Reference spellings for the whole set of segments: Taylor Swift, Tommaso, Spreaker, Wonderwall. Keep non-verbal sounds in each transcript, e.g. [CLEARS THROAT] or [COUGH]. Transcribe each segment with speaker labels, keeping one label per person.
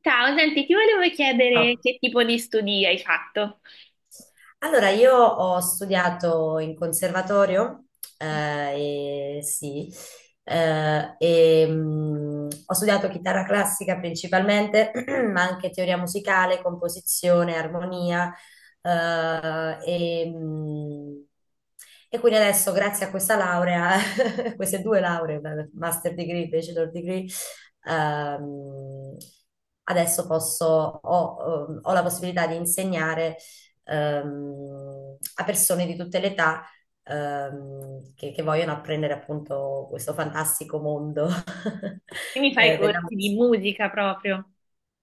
Speaker 1: Ciao, senti, ti volevo chiedere
Speaker 2: Ciao.
Speaker 1: che tipo di studi hai fatto.
Speaker 2: Allora, io ho studiato in conservatorio, e, sì, e, ho studiato chitarra classica principalmente, [CLEARS THROAT] ma anche teoria musicale, composizione, armonia, eh, e, mh, e quindi adesso, grazie a questa laurea, [LAUGHS] queste due lauree, master degree, bachelor degree, ehm, adesso posso, ho la possibilità di insegnare a persone di tutte le età, che vogliono apprendere appunto questo fantastico mondo
Speaker 1: Quindi
Speaker 2: [LAUGHS]
Speaker 1: fai
Speaker 2: della
Speaker 1: corsi di
Speaker 2: musica.
Speaker 1: musica proprio.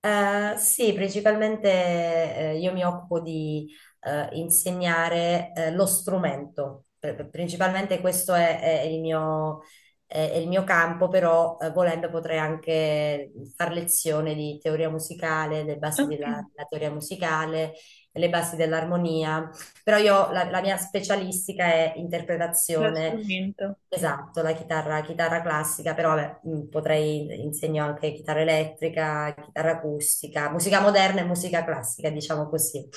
Speaker 2: Sì, principalmente io mi occupo di insegnare lo strumento. Principalmente questo è il mio, è il mio campo, però volendo potrei anche far lezione di teoria musicale, le basi
Speaker 1: Ok,
Speaker 2: della teoria musicale, le basi dell'armonia, però io la mia specialistica è
Speaker 1: lo
Speaker 2: interpretazione.
Speaker 1: strumento.
Speaker 2: Esatto, la chitarra, chitarra classica, però vabbè, potrei insegno anche chitarra elettrica, chitarra acustica, musica moderna e musica classica, diciamo così.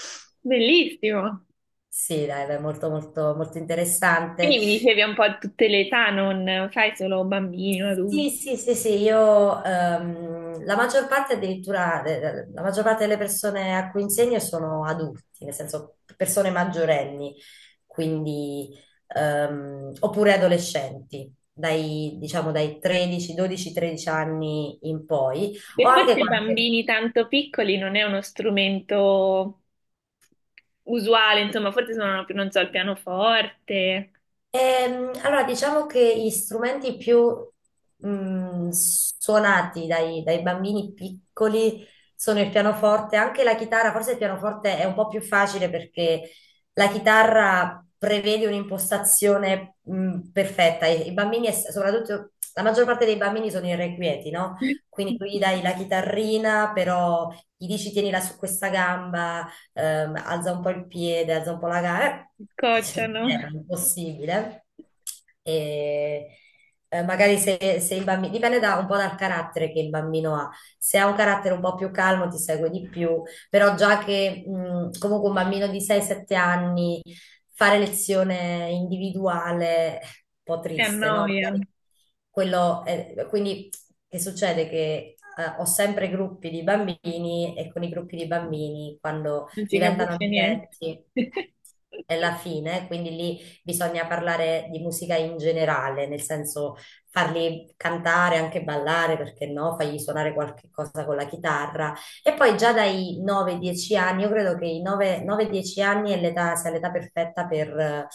Speaker 1: Bellissimo.
Speaker 2: Sì, dai, beh, molto molto molto interessante.
Speaker 1: Quindi mi dicevi un po' a tutte le età, non fai solo bambini o
Speaker 2: Sì,
Speaker 1: adulti.
Speaker 2: sì, sì, sì, io la maggior parte addirittura, la maggior parte delle persone a cui insegno sono adulti, nel senso persone maggiorenni, quindi, oppure adolescenti, dai, diciamo dai 13, 12, 13 anni in poi.
Speaker 1: E
Speaker 2: Ho anche
Speaker 1: forse i
Speaker 2: qualche.
Speaker 1: bambini tanto piccoli non è uno strumento usuale, insomma, forse suonano più, non so, il pianoforte.
Speaker 2: Allora, diciamo che gli strumenti più suonati dai bambini piccoli sono il pianoforte, anche la chitarra. Forse il pianoforte è un po' più facile perché la chitarra prevede un'impostazione perfetta. I bambini, soprattutto la maggior parte dei bambini sono irrequieti, no?
Speaker 1: [LAUGHS]
Speaker 2: Quindi tu gli dai la chitarrina, però gli dici tienila su questa gamba, alza un po' il piede, alza un po' la gara,
Speaker 1: Si
Speaker 2: cioè, non
Speaker 1: scocciano,
Speaker 2: era impossibile. E, magari se il bambino, un po' dal carattere che il bambino ha. Se ha un carattere un po' più calmo ti segue di più, però già che comunque un bambino di 6-7 anni fare lezione individuale è un po'
Speaker 1: si
Speaker 2: triste, no?
Speaker 1: annoia,
Speaker 2: Magari quindi che succede? Che ho sempre gruppi di bambini e con i gruppi di bambini, quando
Speaker 1: non si
Speaker 2: diventano
Speaker 1: capisce niente.
Speaker 2: amichetti.
Speaker 1: [LAUGHS] Per
Speaker 2: È la fine, quindi lì bisogna parlare di musica in generale, nel senso farli cantare, anche ballare, perché no, fargli suonare qualche cosa con la chitarra. E poi già dai 9-10 anni, io credo che i 9-10 anni sia l'età perfetta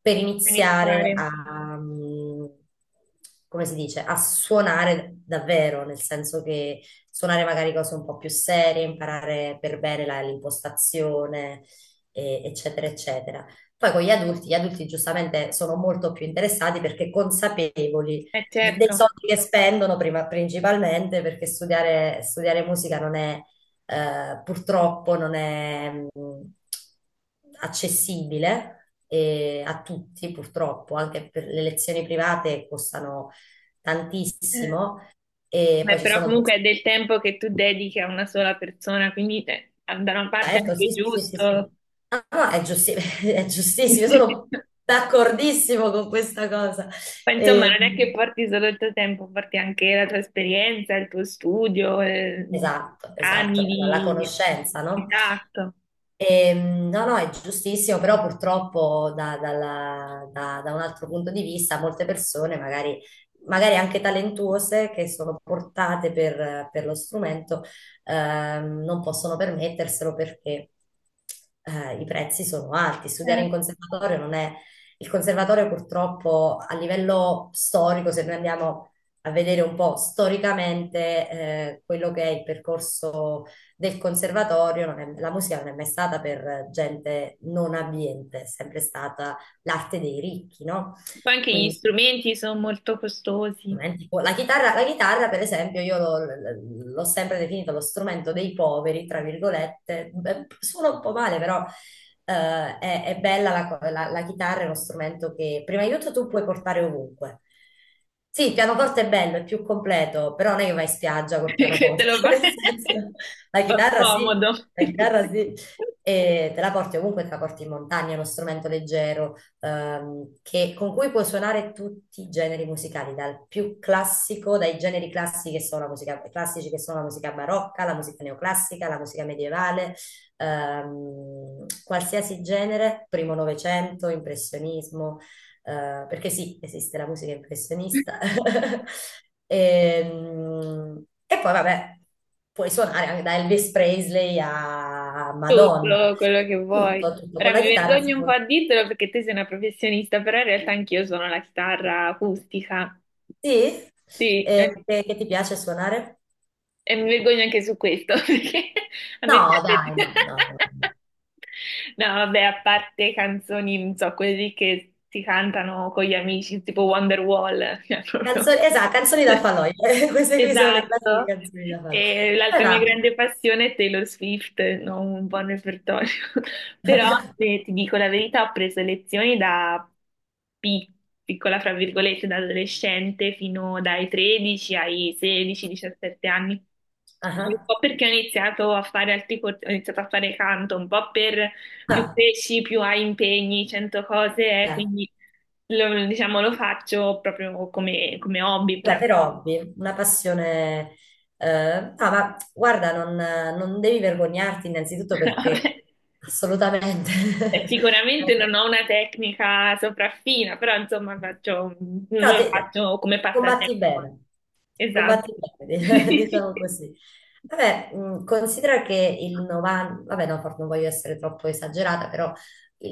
Speaker 2: per iniziare
Speaker 1: iniziare.
Speaker 2: a, come si dice, a suonare davvero, nel senso che suonare magari cose un po' più serie, imparare per bene l'impostazione, eccetera, eccetera. Poi con gli adulti giustamente sono molto più interessati perché consapevoli
Speaker 1: Eh
Speaker 2: dei
Speaker 1: certo,
Speaker 2: soldi che spendono, principalmente perché studiare musica non è, purtroppo non è, accessibile, a tutti, purtroppo. Anche per le lezioni private costano
Speaker 1: eh,
Speaker 2: tantissimo e poi
Speaker 1: beh,
Speaker 2: ci
Speaker 1: però
Speaker 2: sono degli.
Speaker 1: comunque è del tempo che tu dedichi a una sola persona, quindi da una parte è
Speaker 2: Certo,
Speaker 1: anche
Speaker 2: sì, sì, sì, sì, sì.
Speaker 1: giusto.
Speaker 2: Ah, no, è [LAUGHS] è giustissimo, io sono
Speaker 1: [LAUGHS]
Speaker 2: d'accordissimo con questa cosa.
Speaker 1: Ma insomma,
Speaker 2: E-
Speaker 1: non è che porti solo il tuo tempo, porti anche la tua esperienza, il tuo studio,
Speaker 2: Esatto,
Speaker 1: anni
Speaker 2: esatto, la
Speaker 1: di...
Speaker 2: conoscenza, no?
Speaker 1: Esatto.
Speaker 2: No, no, è giustissimo, però purtroppo da un altro punto di vista molte persone, magari, magari anche talentuose, che sono portate per lo strumento, non possono permetterselo perché i prezzi sono alti. Studiare in
Speaker 1: Certo.
Speaker 2: conservatorio non è. Il conservatorio purtroppo a livello storico, se noi andiamo a vedere un po' storicamente quello che è il percorso del conservatorio. Non è. La musica non è mai stata per gente non abbiente, è sempre stata l'arte dei ricchi, no?
Speaker 1: Poi anche gli strumenti sono molto costosi,
Speaker 2: La chitarra, per esempio, io l'ho sempre definita lo strumento dei poveri, tra virgolette. Beh, suona un po' male, però è bella la chitarra, è uno strumento che prima di tutto tu puoi portare ovunque. Sì, il pianoforte è bello, è più completo, però non è che vai in spiaggia col
Speaker 1: [LAUGHS] che te
Speaker 2: pianoforte,
Speaker 1: lo fa [LAUGHS]
Speaker 2: [LAUGHS]
Speaker 1: un
Speaker 2: nel senso, la
Speaker 1: po'
Speaker 2: chitarra sì,
Speaker 1: scomodo.
Speaker 2: la chitarra sì, e te la porti ovunque, te la porti in montagna, è uno strumento leggero, con cui puoi suonare tutti i generi musicali, dal più classico, dai generi classici che sono la musica, classici che sono la musica barocca, la musica neoclassica, la musica medievale, qualsiasi genere, primo novecento, impressionismo, perché sì, esiste la musica impressionista.
Speaker 1: [LAUGHS]
Speaker 2: [LAUGHS] E poi vabbè, puoi suonare anche da Elvis Presley a Madonna,
Speaker 1: Tutto quello che vuoi.
Speaker 2: tutto, tutto, con
Speaker 1: Ora
Speaker 2: la
Speaker 1: mi
Speaker 2: chitarra si
Speaker 1: vergogno un
Speaker 2: può.
Speaker 1: po' a dirtelo perché te sei una professionista, però in realtà anch'io suono la chitarra acustica.
Speaker 2: Sì?
Speaker 1: Sì,
Speaker 2: E che ti piace suonare?
Speaker 1: e mi vergogno anche su questo [LAUGHS] perché a
Speaker 2: No,
Speaker 1: me piace.
Speaker 2: dai, no, no, no.
Speaker 1: [LAUGHS]
Speaker 2: No.
Speaker 1: No, vabbè, a parte canzoni, non so, quelli che si cantano con gli amici, tipo Wonderwall. [LAUGHS] Cioè, proprio
Speaker 2: Canzoni, esatto, canzoni da falò. [LAUGHS] Queste qui sono le classiche
Speaker 1: esatto.
Speaker 2: canzoni da falò.
Speaker 1: E l'altra mia
Speaker 2: Allora,
Speaker 1: grande passione è Taylor Swift, non un buon repertorio. [LAUGHS] Però
Speaker 2: [LAUGHS]
Speaker 1: se ti dico la verità, ho preso lezioni da pi- piccola, fra virgolette, da adolescente fino dai 13 ai 16-17 anni.
Speaker 2: ah,
Speaker 1: Un
Speaker 2: ah,
Speaker 1: po' perché ho iniziato a fare altri corsi, ho iniziato a fare canto, un po' per più
Speaker 2: ah,
Speaker 1: cresci, più hai impegni, 100 cose,
Speaker 2: beh,
Speaker 1: quindi lo, diciamo, lo faccio proprio come, come hobby
Speaker 2: beh,
Speaker 1: puramente.
Speaker 2: per hobby, una passione. Ah, ma guarda, non devi vergognarti innanzitutto
Speaker 1: [LAUGHS]
Speaker 2: perché
Speaker 1: Vabbè,
Speaker 2: assolutamente. [LAUGHS]
Speaker 1: sicuramente non ho una tecnica sopraffina, però insomma faccio, non
Speaker 2: Però
Speaker 1: lo faccio come
Speaker 2: combatti
Speaker 1: passatempo.
Speaker 2: bene,
Speaker 1: Esatto.
Speaker 2: combatti
Speaker 1: [LAUGHS]
Speaker 2: bene, [LAUGHS] diciamo così. Vabbè, considera che il 90, vabbè no, forse non voglio essere troppo esagerata, però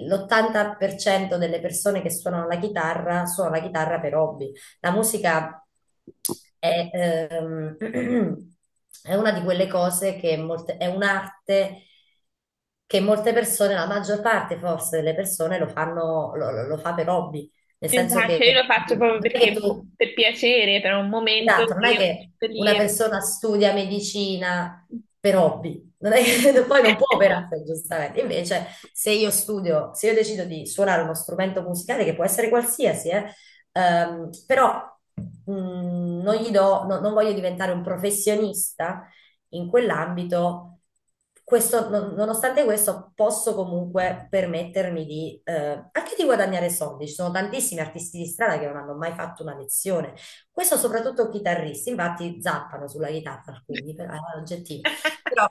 Speaker 2: l'80% delle persone che suonano la chitarra suona la chitarra per hobby. La musica è, [CLEARS THROAT] è una di quelle cose che molte, è un'arte che molte persone, la maggior parte forse delle persone lo fanno, lo, lo fa per hobby, nel senso
Speaker 1: Esatto,
Speaker 2: che
Speaker 1: cioè, io lo faccio proprio
Speaker 2: non è che
Speaker 1: perché
Speaker 2: tu.
Speaker 1: per piacere, per un momento
Speaker 2: Esatto, non
Speaker 1: che
Speaker 2: è
Speaker 1: io
Speaker 2: che
Speaker 1: metto lì.
Speaker 2: una
Speaker 1: E...
Speaker 2: persona studia medicina per hobby, non è che [LAUGHS] poi non può
Speaker 1: [LAUGHS]
Speaker 2: operare, giustamente. Invece, se io decido di suonare uno strumento musicale, che può essere qualsiasi, però mh, non gli do, non voglio diventare un professionista in quell'ambito. Questo, nonostante questo, posso comunque permettermi di, anche di guadagnare soldi. Ci sono tantissimi artisti di strada che non hanno mai fatto una lezione. Questo soprattutto chitarristi, infatti zappano sulla chitarra alcuni, però è un aggettivo. Però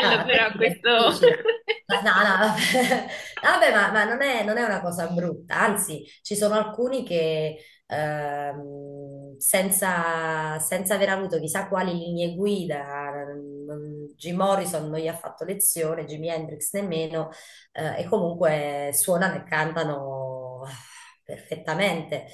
Speaker 2: ah, la
Speaker 1: però
Speaker 2: tecnica è
Speaker 1: questo.
Speaker 2: difficile. No,
Speaker 1: [LAUGHS]
Speaker 2: no, vabbè, [LAUGHS] vabbè, ma non è, non è una cosa brutta, anzi, ci sono alcuni che senza aver avuto chissà quali linee guida, Jim Morrison non gli ha fatto lezione, Jimi Hendrix nemmeno, e comunque suonano e cantano perfettamente,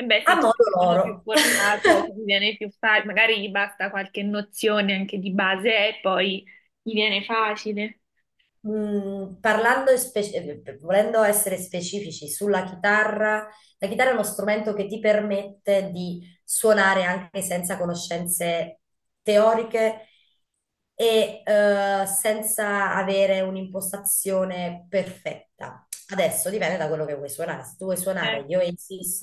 Speaker 1: E beh,
Speaker 2: a
Speaker 1: sì, c'è
Speaker 2: modo
Speaker 1: chi sono più
Speaker 2: loro. [LAUGHS]
Speaker 1: portato, che mi viene più facile, magari gli basta qualche nozione anche di base e poi gli viene facile.
Speaker 2: Parlando, e volendo essere specifici sulla chitarra, la chitarra è uno strumento che ti permette di suonare anche senza conoscenze teoriche e senza avere un'impostazione perfetta. Adesso dipende da quello che vuoi suonare. Se tu vuoi
Speaker 1: Eh,
Speaker 2: suonare gli Oasis,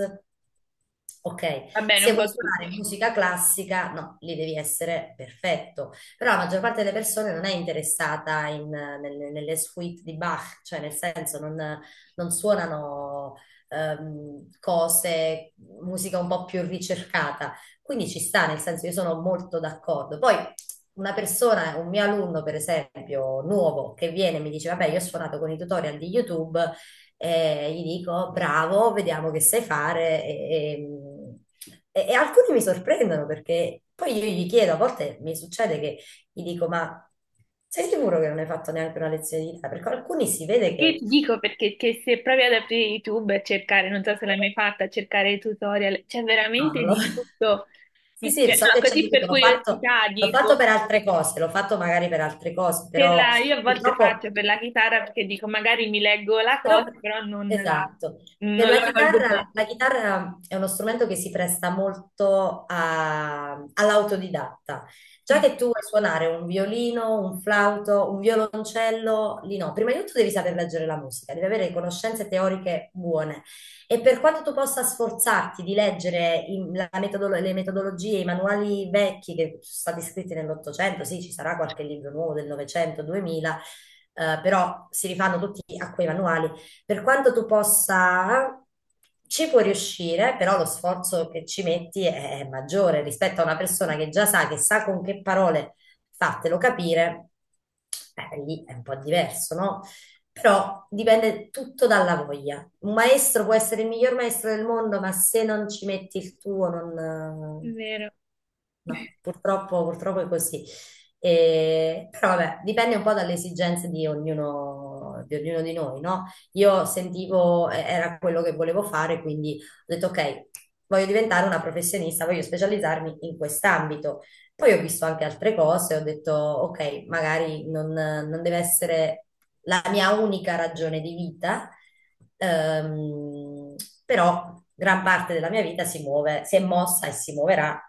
Speaker 2: ok.
Speaker 1: va bene,
Speaker 2: Se
Speaker 1: un
Speaker 2: vuoi
Speaker 1: po'
Speaker 2: suonare
Speaker 1: tutti.
Speaker 2: musica classica, no, lì devi essere perfetto, però la maggior parte delle persone non è interessata nelle suite di Bach, cioè nel senso non, suonano, cose, musica un po' più ricercata. Quindi ci sta, nel senso io sono molto d'accordo. Poi una persona, un mio alunno per esempio, nuovo, che viene e mi dice, vabbè, io ho suonato con i tutorial di YouTube, e gli dico, bravo, vediamo che sai fare. E alcuni mi sorprendono perché poi io gli chiedo, a volte mi succede che gli dico, ma sei sicuro che non hai fatto neanche una lezione di Italia? Perché alcuni si vede
Speaker 1: Io
Speaker 2: che.
Speaker 1: ti dico perché che se provi ad aprire YouTube e cercare, non so se l'hai mai fatta, a cercare tutorial, c'è
Speaker 2: No,
Speaker 1: veramente
Speaker 2: non l'ho.
Speaker 1: di
Speaker 2: [LAUGHS]
Speaker 1: tutto.
Speaker 2: Sì, sì, so
Speaker 1: No,
Speaker 2: che ci ho
Speaker 1: così
Speaker 2: dovuto,
Speaker 1: per curiosità
Speaker 2: l'ho fatto
Speaker 1: dico,
Speaker 2: per altre cose, l'ho fatto magari per altre cose,
Speaker 1: per
Speaker 2: però
Speaker 1: la... io a volte
Speaker 2: purtroppo.
Speaker 1: faccio per la chitarra perché dico magari mi leggo la
Speaker 2: Però,
Speaker 1: cosa, però non la,
Speaker 2: esatto, per
Speaker 1: non la colgo bene.
Speaker 2: la chitarra è uno strumento che si presta molto all'autodidatta. Già
Speaker 1: Sì,
Speaker 2: che tu vuoi suonare un violino, un flauto, un violoncello, lì no. Prima di tutto devi saper leggere la musica, devi avere conoscenze teoriche buone. E per quanto tu possa sforzarti di leggere le metodologie, i manuali vecchi che sono stati scritti nell'Ottocento, sì, ci sarà qualche libro nuovo del Novecento, 2000, però si rifanno tutti a quei manuali, per quanto tu possa, ci puoi riuscire, però lo sforzo che ci metti è maggiore rispetto a una persona che già sa, che sa con che parole fartelo capire, lì è un po' diverso, no? Però dipende tutto dalla voglia. Un maestro può essere il miglior maestro del mondo, ma se non ci metti il tuo,
Speaker 1: è
Speaker 2: non.
Speaker 1: vero.
Speaker 2: No, purtroppo, purtroppo è così. Però vabbè, dipende un po' dalle esigenze di ognuno, di ognuno di noi, no? Io sentivo, era quello che volevo fare, quindi ho detto ok, voglio diventare una professionista, voglio specializzarmi in quest'ambito. Poi ho visto anche altre cose, ho detto ok, magari non, non deve essere la mia unica ragione di vita, ehm, però gran parte della mia vita si muove, si è mossa e si muoverà,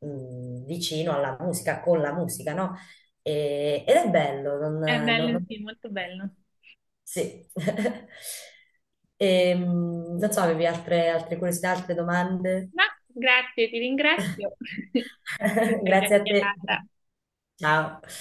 Speaker 2: vicino alla musica, con la musica, no? Ed è bello, non,
Speaker 1: È
Speaker 2: non-
Speaker 1: bello,
Speaker 2: non-
Speaker 1: sì, molto bello.
Speaker 2: sì. [LAUGHS] Non so, avevi altre curiosità, altre domande?
Speaker 1: Ma grazie, ti ringrazio [LAUGHS] per
Speaker 2: [LAUGHS]
Speaker 1: questa
Speaker 2: Grazie a te.
Speaker 1: chiacchierata.
Speaker 2: Ciao.